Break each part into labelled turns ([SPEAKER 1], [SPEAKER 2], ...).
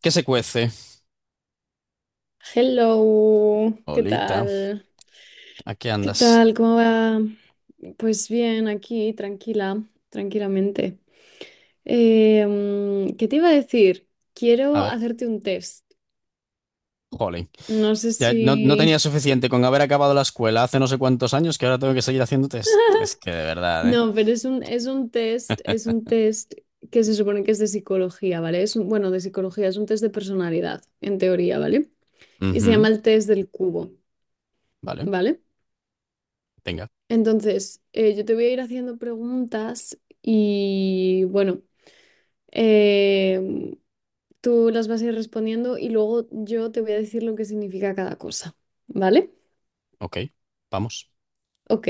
[SPEAKER 1] ¿Qué se cuece?
[SPEAKER 2] Hello, ¿qué
[SPEAKER 1] Olita,
[SPEAKER 2] tal?
[SPEAKER 1] ¿a qué
[SPEAKER 2] ¿Qué
[SPEAKER 1] andas?
[SPEAKER 2] tal? ¿Cómo va? Pues bien, aquí, tranquila, tranquilamente. ¿Qué te iba a decir?
[SPEAKER 1] A
[SPEAKER 2] Quiero
[SPEAKER 1] ver,
[SPEAKER 2] hacerte un test.
[SPEAKER 1] jolín.
[SPEAKER 2] No sé
[SPEAKER 1] Ya
[SPEAKER 2] si...
[SPEAKER 1] no tenía suficiente con haber acabado la escuela hace no sé cuántos años que ahora tengo que seguir haciendo test. Es que de verdad, ¿eh?
[SPEAKER 2] No, pero es un test que se supone que es de psicología, ¿vale? Es un- bueno, de psicología, es un test de personalidad, en teoría, ¿vale? Y se
[SPEAKER 1] Ujú,
[SPEAKER 2] llama el test del cubo,
[SPEAKER 1] vale,
[SPEAKER 2] ¿vale?
[SPEAKER 1] venga,
[SPEAKER 2] Entonces, yo te voy a ir haciendo preguntas y bueno, em, tú las vas a ir respondiendo y luego yo te voy a decir lo que significa cada cosa, ¿vale?
[SPEAKER 1] ok, vamos.
[SPEAKER 2] Ok,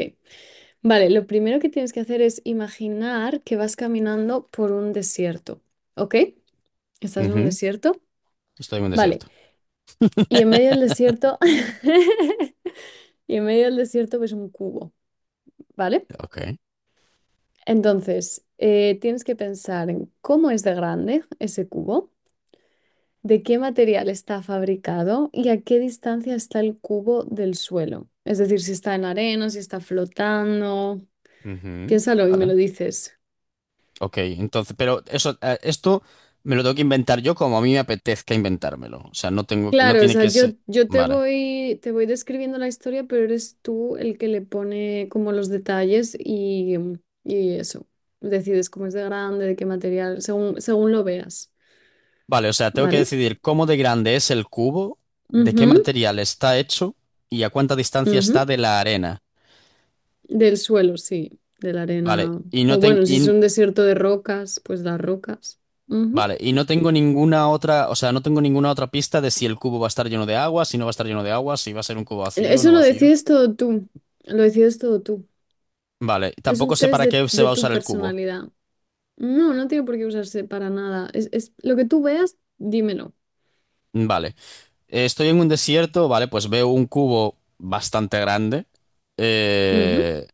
[SPEAKER 2] vale, lo primero que tienes que hacer es imaginar que vas caminando por un desierto, ¿ok? Estás en un
[SPEAKER 1] Ujú,
[SPEAKER 2] desierto,
[SPEAKER 1] estoy en un
[SPEAKER 2] vale,
[SPEAKER 1] desierto.
[SPEAKER 2] y en medio del desierto, y en medio del desierto ves un cubo, ¿vale?
[SPEAKER 1] Ok,
[SPEAKER 2] Entonces, tienes que pensar en cómo es de grande ese cubo. ¿De qué material está fabricado y a qué distancia está el cubo del suelo? Es decir, si está en arena, si está flotando.
[SPEAKER 1] ujú,
[SPEAKER 2] Piénsalo y me
[SPEAKER 1] vale,
[SPEAKER 2] lo dices.
[SPEAKER 1] ok. Entonces, pero eso, esto me lo tengo que inventar yo como a mí me apetezca inventármelo. O sea, no
[SPEAKER 2] Claro, o
[SPEAKER 1] tiene
[SPEAKER 2] sea,
[SPEAKER 1] que
[SPEAKER 2] yo,
[SPEAKER 1] ser.
[SPEAKER 2] yo te
[SPEAKER 1] Vale.
[SPEAKER 2] voy, te voy describiendo la historia, pero eres tú el que le pone como los detalles y eso. Decides cómo es de grande, de qué material, según lo veas.
[SPEAKER 1] Vale, o sea, tengo que
[SPEAKER 2] ¿Vale?
[SPEAKER 1] decidir cómo de grande es el cubo, de qué
[SPEAKER 2] Ujú,
[SPEAKER 1] material está hecho y a cuánta distancia está
[SPEAKER 2] ujú.
[SPEAKER 1] de la arena.
[SPEAKER 2] Del suelo, sí, de la
[SPEAKER 1] Vale,
[SPEAKER 2] arena.
[SPEAKER 1] y no
[SPEAKER 2] O
[SPEAKER 1] ten-
[SPEAKER 2] bueno, si es
[SPEAKER 1] y-
[SPEAKER 2] un desierto de rocas, pues las rocas. Ujú.
[SPEAKER 1] vale, y no tengo ninguna otra, o sea, no tengo ninguna otra pista de si el cubo va a estar lleno de agua, si no va a estar lleno de agua, si va a ser un cubo vacío o
[SPEAKER 2] Eso
[SPEAKER 1] no
[SPEAKER 2] lo
[SPEAKER 1] vacío.
[SPEAKER 2] decides todo tú. Lo decides todo tú.
[SPEAKER 1] Vale,
[SPEAKER 2] Es un
[SPEAKER 1] tampoco sé
[SPEAKER 2] test
[SPEAKER 1] para
[SPEAKER 2] de,
[SPEAKER 1] qué se
[SPEAKER 2] de
[SPEAKER 1] va a
[SPEAKER 2] tu
[SPEAKER 1] usar el cubo.
[SPEAKER 2] personalidad. No, no tiene por qué usarse para nada. Es lo que tú veas, dímelo.
[SPEAKER 1] Vale, estoy en un desierto, vale, pues veo un cubo bastante grande.
[SPEAKER 2] Ujú.
[SPEAKER 1] Eh,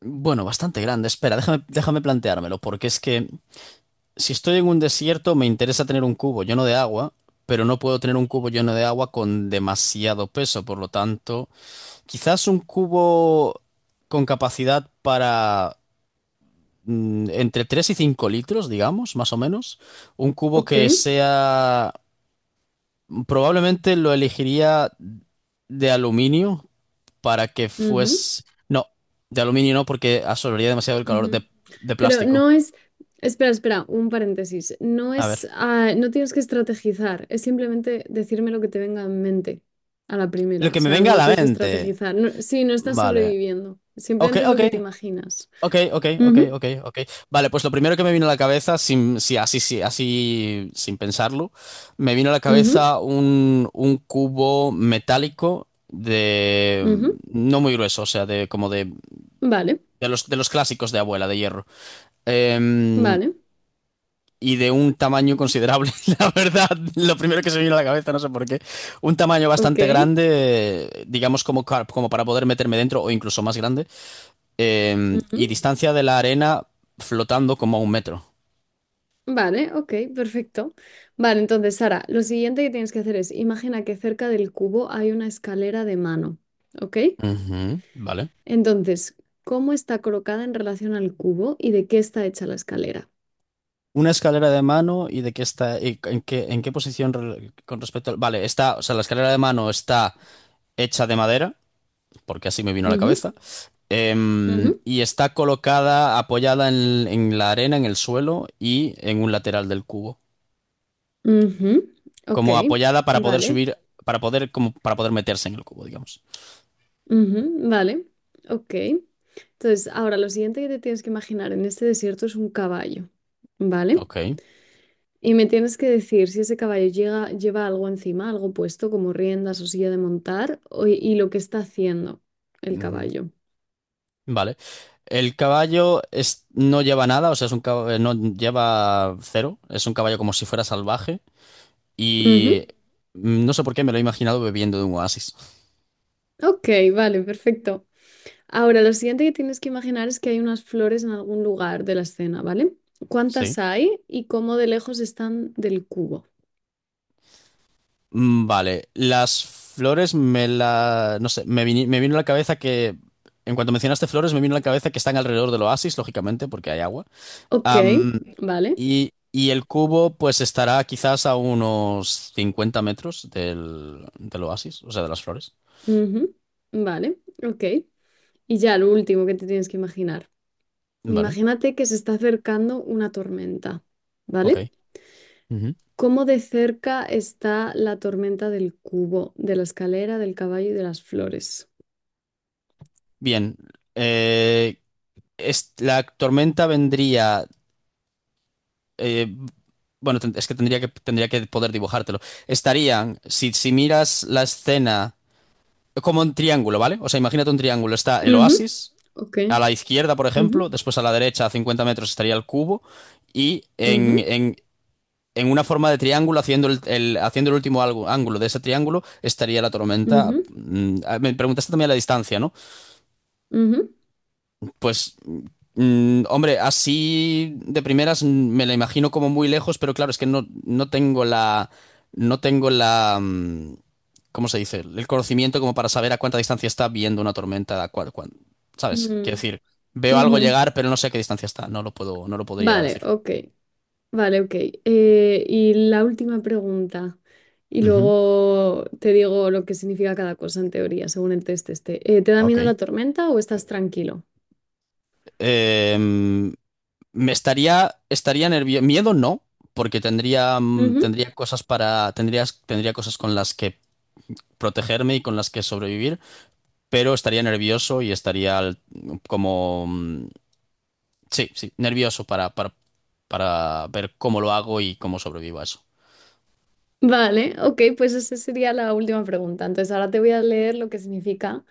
[SPEAKER 1] bueno, bastante grande. Espera, déjame planteármelo, porque es que si estoy en un desierto, me interesa tener un cubo lleno de agua, pero no puedo tener un cubo lleno de agua con demasiado peso. Por lo tanto, quizás un cubo con capacidad para entre 3 y 5 litros, digamos, más o menos. Un cubo
[SPEAKER 2] Ok.
[SPEAKER 1] que sea... Probablemente lo elegiría de aluminio para que
[SPEAKER 2] Ujú,
[SPEAKER 1] fuese... No, de aluminio no, porque absorbería demasiado el calor
[SPEAKER 2] ujú.
[SPEAKER 1] de
[SPEAKER 2] Pero
[SPEAKER 1] plástico.
[SPEAKER 2] no es, espera, espera, un paréntesis. No
[SPEAKER 1] A ver.
[SPEAKER 2] es, ah, no tienes que estrategizar, es simplemente decirme lo que te venga en mente a la
[SPEAKER 1] Lo
[SPEAKER 2] primera. O
[SPEAKER 1] que me
[SPEAKER 2] sea,
[SPEAKER 1] venga a
[SPEAKER 2] no
[SPEAKER 1] la
[SPEAKER 2] tienes que
[SPEAKER 1] mente.
[SPEAKER 2] estrategizar. No- sí, no estás
[SPEAKER 1] Vale.
[SPEAKER 2] sobreviviendo, simplemente es lo
[SPEAKER 1] Ok.
[SPEAKER 2] que te imaginas. Ujú,
[SPEAKER 1] Ok. Vale, pues lo primero que me vino a la cabeza, sin, sí, sí, así, sin pensarlo, me vino a la
[SPEAKER 2] ujú,
[SPEAKER 1] cabeza un cubo metálico de,
[SPEAKER 2] ujú.
[SPEAKER 1] no muy grueso, o sea, de como
[SPEAKER 2] Vale,
[SPEAKER 1] de los clásicos de abuela, de hierro. Em,
[SPEAKER 2] vale,
[SPEAKER 1] y de un tamaño considerable, la verdad, lo primero que se me vino a la cabeza, no sé por qué. Un tamaño
[SPEAKER 2] ok.
[SPEAKER 1] bastante grande, digamos como para poder meterme dentro o incluso más grande y
[SPEAKER 2] Ujú,
[SPEAKER 1] distancia de la arena, flotando como a 1 metro.
[SPEAKER 2] vale, ok, perfecto. Vale, entonces, Sara, lo siguiente que tienes que hacer es, imagina que cerca del cubo hay una escalera de mano, ¿ok?
[SPEAKER 1] Ujú, vale.
[SPEAKER 2] Entonces, ¿cómo está colocada en relación al cubo y de qué está hecha la escalera?
[SPEAKER 1] Una escalera de mano y de qué está, y en qué posición re- con respecto al... Vale, está, o sea, la escalera de mano está hecha de madera, porque así me vino a la
[SPEAKER 2] Ujú,
[SPEAKER 1] cabeza,
[SPEAKER 2] ujú,
[SPEAKER 1] y está colocada, apoyada en la arena, en el suelo y en un lateral del cubo,
[SPEAKER 2] ujú. Ok,
[SPEAKER 1] como apoyada para poder
[SPEAKER 2] vale.
[SPEAKER 1] subir, como para poder meterse en el cubo, digamos.
[SPEAKER 2] Ujú, vale. Ok. Entonces, ahora lo siguiente que te tienes que imaginar en este desierto es un caballo, ¿vale?
[SPEAKER 1] Ok.
[SPEAKER 2] Y me tienes que decir si ese caballo llega- lleva algo encima, algo puesto, como riendas o silla de montar, o- y lo que está haciendo el
[SPEAKER 1] Ujú.
[SPEAKER 2] caballo.
[SPEAKER 1] Vale. No lleva nada, o sea, es un no lleva cero, es un caballo como si fuera salvaje y
[SPEAKER 2] Ujú.
[SPEAKER 1] no sé por qué me lo he imaginado bebiendo de un oasis.
[SPEAKER 2] Ok, vale, perfecto. Ahora, lo siguiente que tienes que imaginar es que hay unas flores en algún lugar de la escena, ¿vale?
[SPEAKER 1] Sí.
[SPEAKER 2] ¿Cuántas hay y cómo de lejos están del cubo?
[SPEAKER 1] Vale, las flores me la... no sé, me vino a la cabeza que... En cuanto mencionaste flores, me vino a la cabeza que están alrededor del oasis, lógicamente, porque hay agua.
[SPEAKER 2] Ok,
[SPEAKER 1] Am,
[SPEAKER 2] vale.
[SPEAKER 1] y el cubo pues estará quizás a unos 50 metros del, del oasis, o sea, de las flores.
[SPEAKER 2] Ujú, vale, ok. Y ya lo último que te tienes que imaginar.
[SPEAKER 1] Vale,
[SPEAKER 2] Imagínate que se está acercando una tormenta,
[SPEAKER 1] ok.
[SPEAKER 2] ¿vale? ¿Cómo de cerca está la tormenta del cubo, de la escalera, del caballo y de las flores?
[SPEAKER 1] Bien, eh, la tormenta vendría, eh, bueno, ten- es que tendría que tendría que poder dibujártelo. Estarían, si miras la escena como un triángulo, ¿vale? O sea, imagínate un triángulo. Está el
[SPEAKER 2] Ujú,
[SPEAKER 1] oasis,
[SPEAKER 2] ok.
[SPEAKER 1] a la izquierda, por
[SPEAKER 2] Ujú,
[SPEAKER 1] ejemplo, después a la derecha, a 50 metros, estaría el cubo, y
[SPEAKER 2] ujú,
[SPEAKER 1] en una forma de triángulo, haciendo el último ángulo de ese triángulo, estaría la tormenta.
[SPEAKER 2] ujú,
[SPEAKER 1] Me preguntaste también la distancia, ¿no?
[SPEAKER 2] ujú,
[SPEAKER 1] Pues, hombre, así de primeras, me la imagino como muy lejos, pero claro, es que no tengo la, no tengo la, ¿cómo se dice? El conocimiento como para saber a cuánta distancia está viendo una tormenta, ¿sabes? Quiero
[SPEAKER 2] ujú,
[SPEAKER 1] decir, veo algo
[SPEAKER 2] ujú.
[SPEAKER 1] llegar, pero no sé a qué distancia está, no lo puedo, no lo podría
[SPEAKER 2] Vale,
[SPEAKER 1] decir.
[SPEAKER 2] ok, vale, ok. Y la última pregunta, y
[SPEAKER 1] Ujú.
[SPEAKER 2] luego te digo lo que significa cada cosa en teoría, según el test este. ¿Te da miedo
[SPEAKER 1] Ok.
[SPEAKER 2] la tormenta o estás tranquilo?
[SPEAKER 1] Em, Estaría nervioso. Miedo no, porque tendría,
[SPEAKER 2] Ujú.
[SPEAKER 1] tendría cosas con las que protegerme y con las que sobrevivir, pero estaría nervioso y estaría como... mm, sí, sí, nervioso para ver cómo lo hago y cómo sobrevivo a eso.
[SPEAKER 2] Vale, ok, pues esa sería la última pregunta. Entonces ahora te voy a leer lo que significa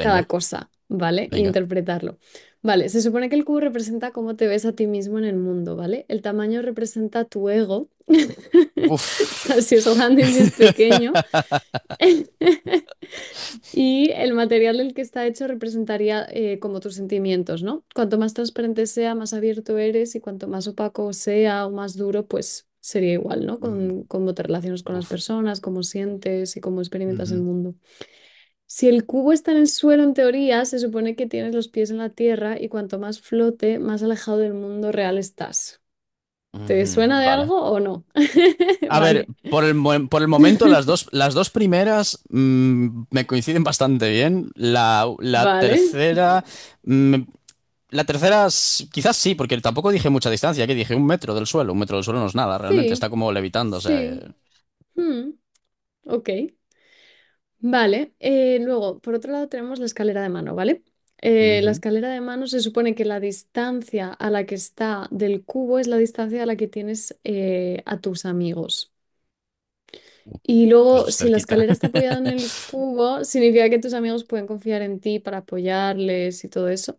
[SPEAKER 2] cada cosa, ¿vale? E
[SPEAKER 1] venga.
[SPEAKER 2] interpretarlo. Vale, se supone que el cubo representa cómo te ves a ti mismo en el mundo, ¿vale? El tamaño representa tu ego, o sea,
[SPEAKER 1] Buf.
[SPEAKER 2] si es grande y si es pequeño. Y el material del que está hecho representaría como tus sentimientos, ¿no? Cuanto más transparente sea, más abierto eres y cuanto más opaco sea o más duro, pues sería igual, ¿no? Con
[SPEAKER 1] Mm,
[SPEAKER 2] cómo te relacionas con las
[SPEAKER 1] Uf.
[SPEAKER 2] personas, cómo sientes y cómo experimentas el
[SPEAKER 1] Ujú.
[SPEAKER 2] mundo. Si el cubo está en el suelo, en teoría, se supone que tienes los pies en la tierra y cuanto más flote, más alejado del mundo real estás. ¿Te
[SPEAKER 1] Ujú,
[SPEAKER 2] suena de
[SPEAKER 1] vale.
[SPEAKER 2] algo o no?
[SPEAKER 1] A ver,
[SPEAKER 2] Vale.
[SPEAKER 1] por el momento las dos primeras, me coinciden bastante bien. La
[SPEAKER 2] Vale.
[SPEAKER 1] tercera, mm, la tercera, quizás sí, porque tampoco dije mucha distancia, que dije 1 metro del suelo. 1 metro del suelo no es nada, realmente.
[SPEAKER 2] Sí,
[SPEAKER 1] Está como levitando, o sea,
[SPEAKER 2] sí. Hmm, ok. Vale, luego, por otro lado, tenemos la escalera de mano, ¿vale? La
[SPEAKER 1] ujú.
[SPEAKER 2] escalera de mano, se supone que la distancia a la que está del cubo es la distancia a la que tienes a tus amigos. Y luego,
[SPEAKER 1] Pues
[SPEAKER 2] si la
[SPEAKER 1] cerquita.
[SPEAKER 2] escalera está apoyada en el cubo, significa que tus amigos pueden confiar en ti para apoyarles y todo eso.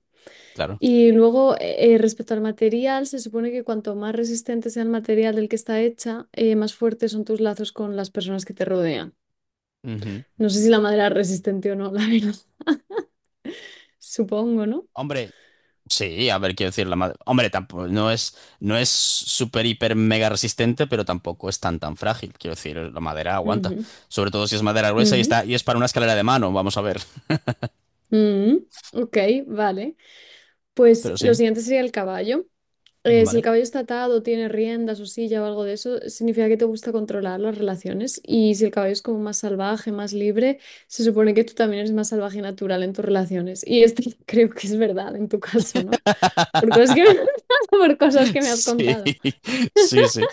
[SPEAKER 1] Claro.
[SPEAKER 2] Y luego, respecto al material, se supone que cuanto más resistente sea el material del que está hecha, más fuertes son tus lazos con las personas que te rodean.
[SPEAKER 1] Ujú.
[SPEAKER 2] No sé si la madera es resistente o no, la verdad. Supongo, ¿no?
[SPEAKER 1] Hombre, sí, a ver, quiero decir, la madre. Hombre, tampoco, no es súper, hiper, mega resistente, pero tampoco es tan, tan frágil. Quiero decir, la madera aguanta.
[SPEAKER 2] Ujú,
[SPEAKER 1] Sobre todo si es madera gruesa y
[SPEAKER 2] ujú,
[SPEAKER 1] está, y es para una escalera de mano, vamos a ver.
[SPEAKER 2] ujú. Ok, vale. Pues
[SPEAKER 1] Pero
[SPEAKER 2] lo
[SPEAKER 1] sí,
[SPEAKER 2] siguiente sería el caballo. Si el
[SPEAKER 1] vale.
[SPEAKER 2] caballo está atado, tiene riendas o silla o algo de eso, significa que te gusta controlar las relaciones. Y si el caballo es como más salvaje, más libre, se supone que tú también eres más salvaje y natural en tus relaciones. Y esto creo que es verdad en tu caso, ¿no? Por cosas que me, por cosas que me has
[SPEAKER 1] Sí,
[SPEAKER 2] contado.
[SPEAKER 1] sí, sí.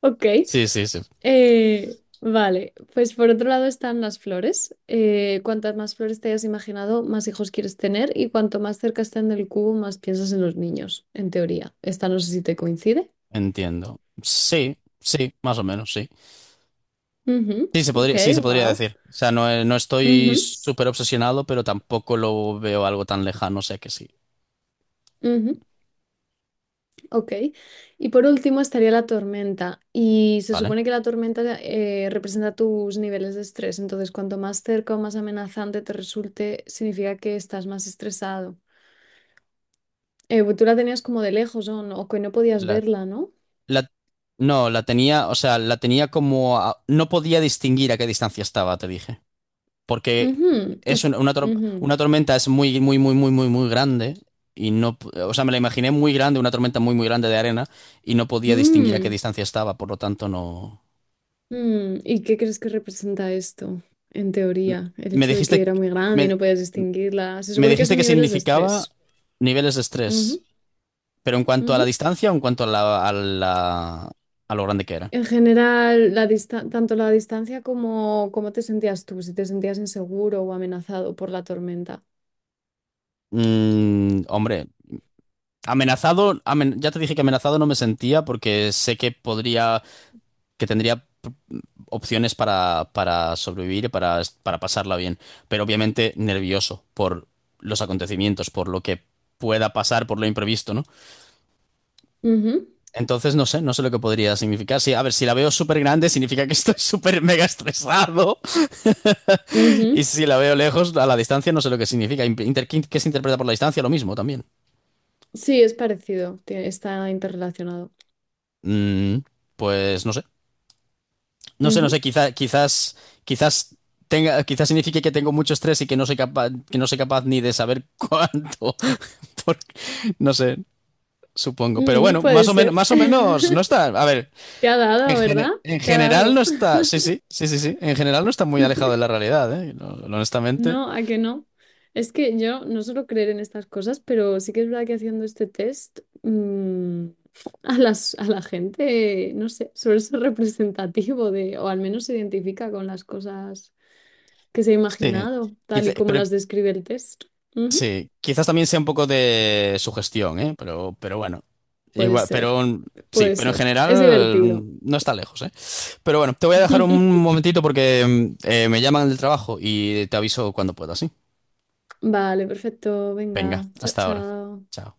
[SPEAKER 2] Ok.
[SPEAKER 1] Sí, sí, sí.
[SPEAKER 2] Vale, pues por otro lado están las flores. Cuantas más flores te hayas imaginado, más hijos quieres tener, y cuanto más cerca estén del cubo, más piensas en los niños, en teoría. Esta no sé si te coincide.
[SPEAKER 1] Entiendo. Sí, sí, más o menos, sí.
[SPEAKER 2] Ujú, ok,
[SPEAKER 1] Sí, se podría
[SPEAKER 2] wow.
[SPEAKER 1] decir. O sea, no, no estoy
[SPEAKER 2] Ujú,
[SPEAKER 1] súper obsesionado, pero tampoco lo veo algo tan lejano, o sea que sí.
[SPEAKER 2] ujú, ok. Y por último estaría la tormenta. Y se
[SPEAKER 1] ¿Vale?
[SPEAKER 2] supone que la tormenta representa tus niveles de estrés. Entonces, cuanto más cerca o más amenazante te resulte, significa que estás más estresado. Pues tú la tenías como de lejos o, no- o que no podías
[SPEAKER 1] La,
[SPEAKER 2] verla, ¿no?
[SPEAKER 1] la- no, la tenía, o sea, la tenía como... no podía distinguir a qué distancia estaba, te dije. Porque
[SPEAKER 2] Ujú,
[SPEAKER 1] es
[SPEAKER 2] y, ujú.
[SPEAKER 1] una tormenta es muy, muy, muy, muy, muy, muy grande. Y no, o sea, me la imaginé muy grande, una tormenta muy, muy grande de arena, y no podía distinguir a qué
[SPEAKER 2] Mm,
[SPEAKER 1] distancia estaba, por lo tanto, no...
[SPEAKER 2] mm. ¿Y qué crees que representa esto, en teoría? El
[SPEAKER 1] Me
[SPEAKER 2] hecho de que
[SPEAKER 1] dijiste...
[SPEAKER 2] era muy grande y
[SPEAKER 1] Me,
[SPEAKER 2] no podías distinguirla. Se
[SPEAKER 1] Me
[SPEAKER 2] supone que
[SPEAKER 1] dijiste
[SPEAKER 2] son
[SPEAKER 1] que
[SPEAKER 2] niveles de
[SPEAKER 1] significaba
[SPEAKER 2] estrés.
[SPEAKER 1] niveles de estrés,
[SPEAKER 2] Ujú,
[SPEAKER 1] pero en cuanto a la
[SPEAKER 2] ujú.
[SPEAKER 1] distancia o en cuanto a a lo grande que era.
[SPEAKER 2] En general, la dista- tanto la distancia como cómo te sentías tú, si te sentías inseguro o amenazado por la tormenta.
[SPEAKER 1] Hombre, ya te dije que amenazado no me sentía porque sé que podría, que tendría opciones para sobrevivir y para pasarla bien, pero obviamente nervioso por los acontecimientos, por lo que pueda pasar, por lo imprevisto, ¿no?
[SPEAKER 2] Ujú,
[SPEAKER 1] Entonces no sé, no sé lo que podría significar. Sí, a ver, si la veo súper grande significa que estoy súper mega estresado. Y
[SPEAKER 2] ujú.
[SPEAKER 1] si la veo lejos, a la distancia no sé lo que significa. ¿Qué se interpreta por la distancia? Lo mismo también.
[SPEAKER 2] Sí, es parecido, tie- está interrelacionado.
[SPEAKER 1] Mm, pues no sé. No sé, no sé.
[SPEAKER 2] Ujú.
[SPEAKER 1] Quizás quizás signifique que tengo mucho estrés y que no soy capaz, que no soy capaz ni de saber cuánto. Por- no sé, supongo. Pero
[SPEAKER 2] Mm,
[SPEAKER 1] bueno,
[SPEAKER 2] puede ser.
[SPEAKER 1] más o menos no está. A ver,
[SPEAKER 2] Te ha dado, ¿verdad?
[SPEAKER 1] en
[SPEAKER 2] Te ha
[SPEAKER 1] general no
[SPEAKER 2] dado.
[SPEAKER 1] está. Sí, sí, sí, sí, sí. En general no está muy alejado de la realidad, ¿eh? No, honestamente.
[SPEAKER 2] No, ¿a que no? Es que yo no suelo creer en estas cosas, pero sí que es verdad que haciendo este test a las, a la gente, no sé, suele ser representativo de, o al menos se identifica con las cosas que se ha
[SPEAKER 1] Sí.
[SPEAKER 2] imaginado, tal
[SPEAKER 1] Quizá-
[SPEAKER 2] y como
[SPEAKER 1] pero
[SPEAKER 2] las describe el test. Ujú.
[SPEAKER 1] Sí, quizás también sea un poco de sugestión, ¿eh? Pero bueno,
[SPEAKER 2] Puede
[SPEAKER 1] igual,
[SPEAKER 2] ser,
[SPEAKER 1] pero sí,
[SPEAKER 2] puede
[SPEAKER 1] pero en
[SPEAKER 2] ser. Es
[SPEAKER 1] general,
[SPEAKER 2] divertido.
[SPEAKER 1] no está lejos, ¿eh? Pero bueno, te voy a dejar un momentito porque me llaman del trabajo y te aviso cuando pueda, ¿sí?
[SPEAKER 2] Vale, perfecto.
[SPEAKER 1] Venga,
[SPEAKER 2] Venga, chao,
[SPEAKER 1] hasta ahora.
[SPEAKER 2] chao.
[SPEAKER 1] Chao.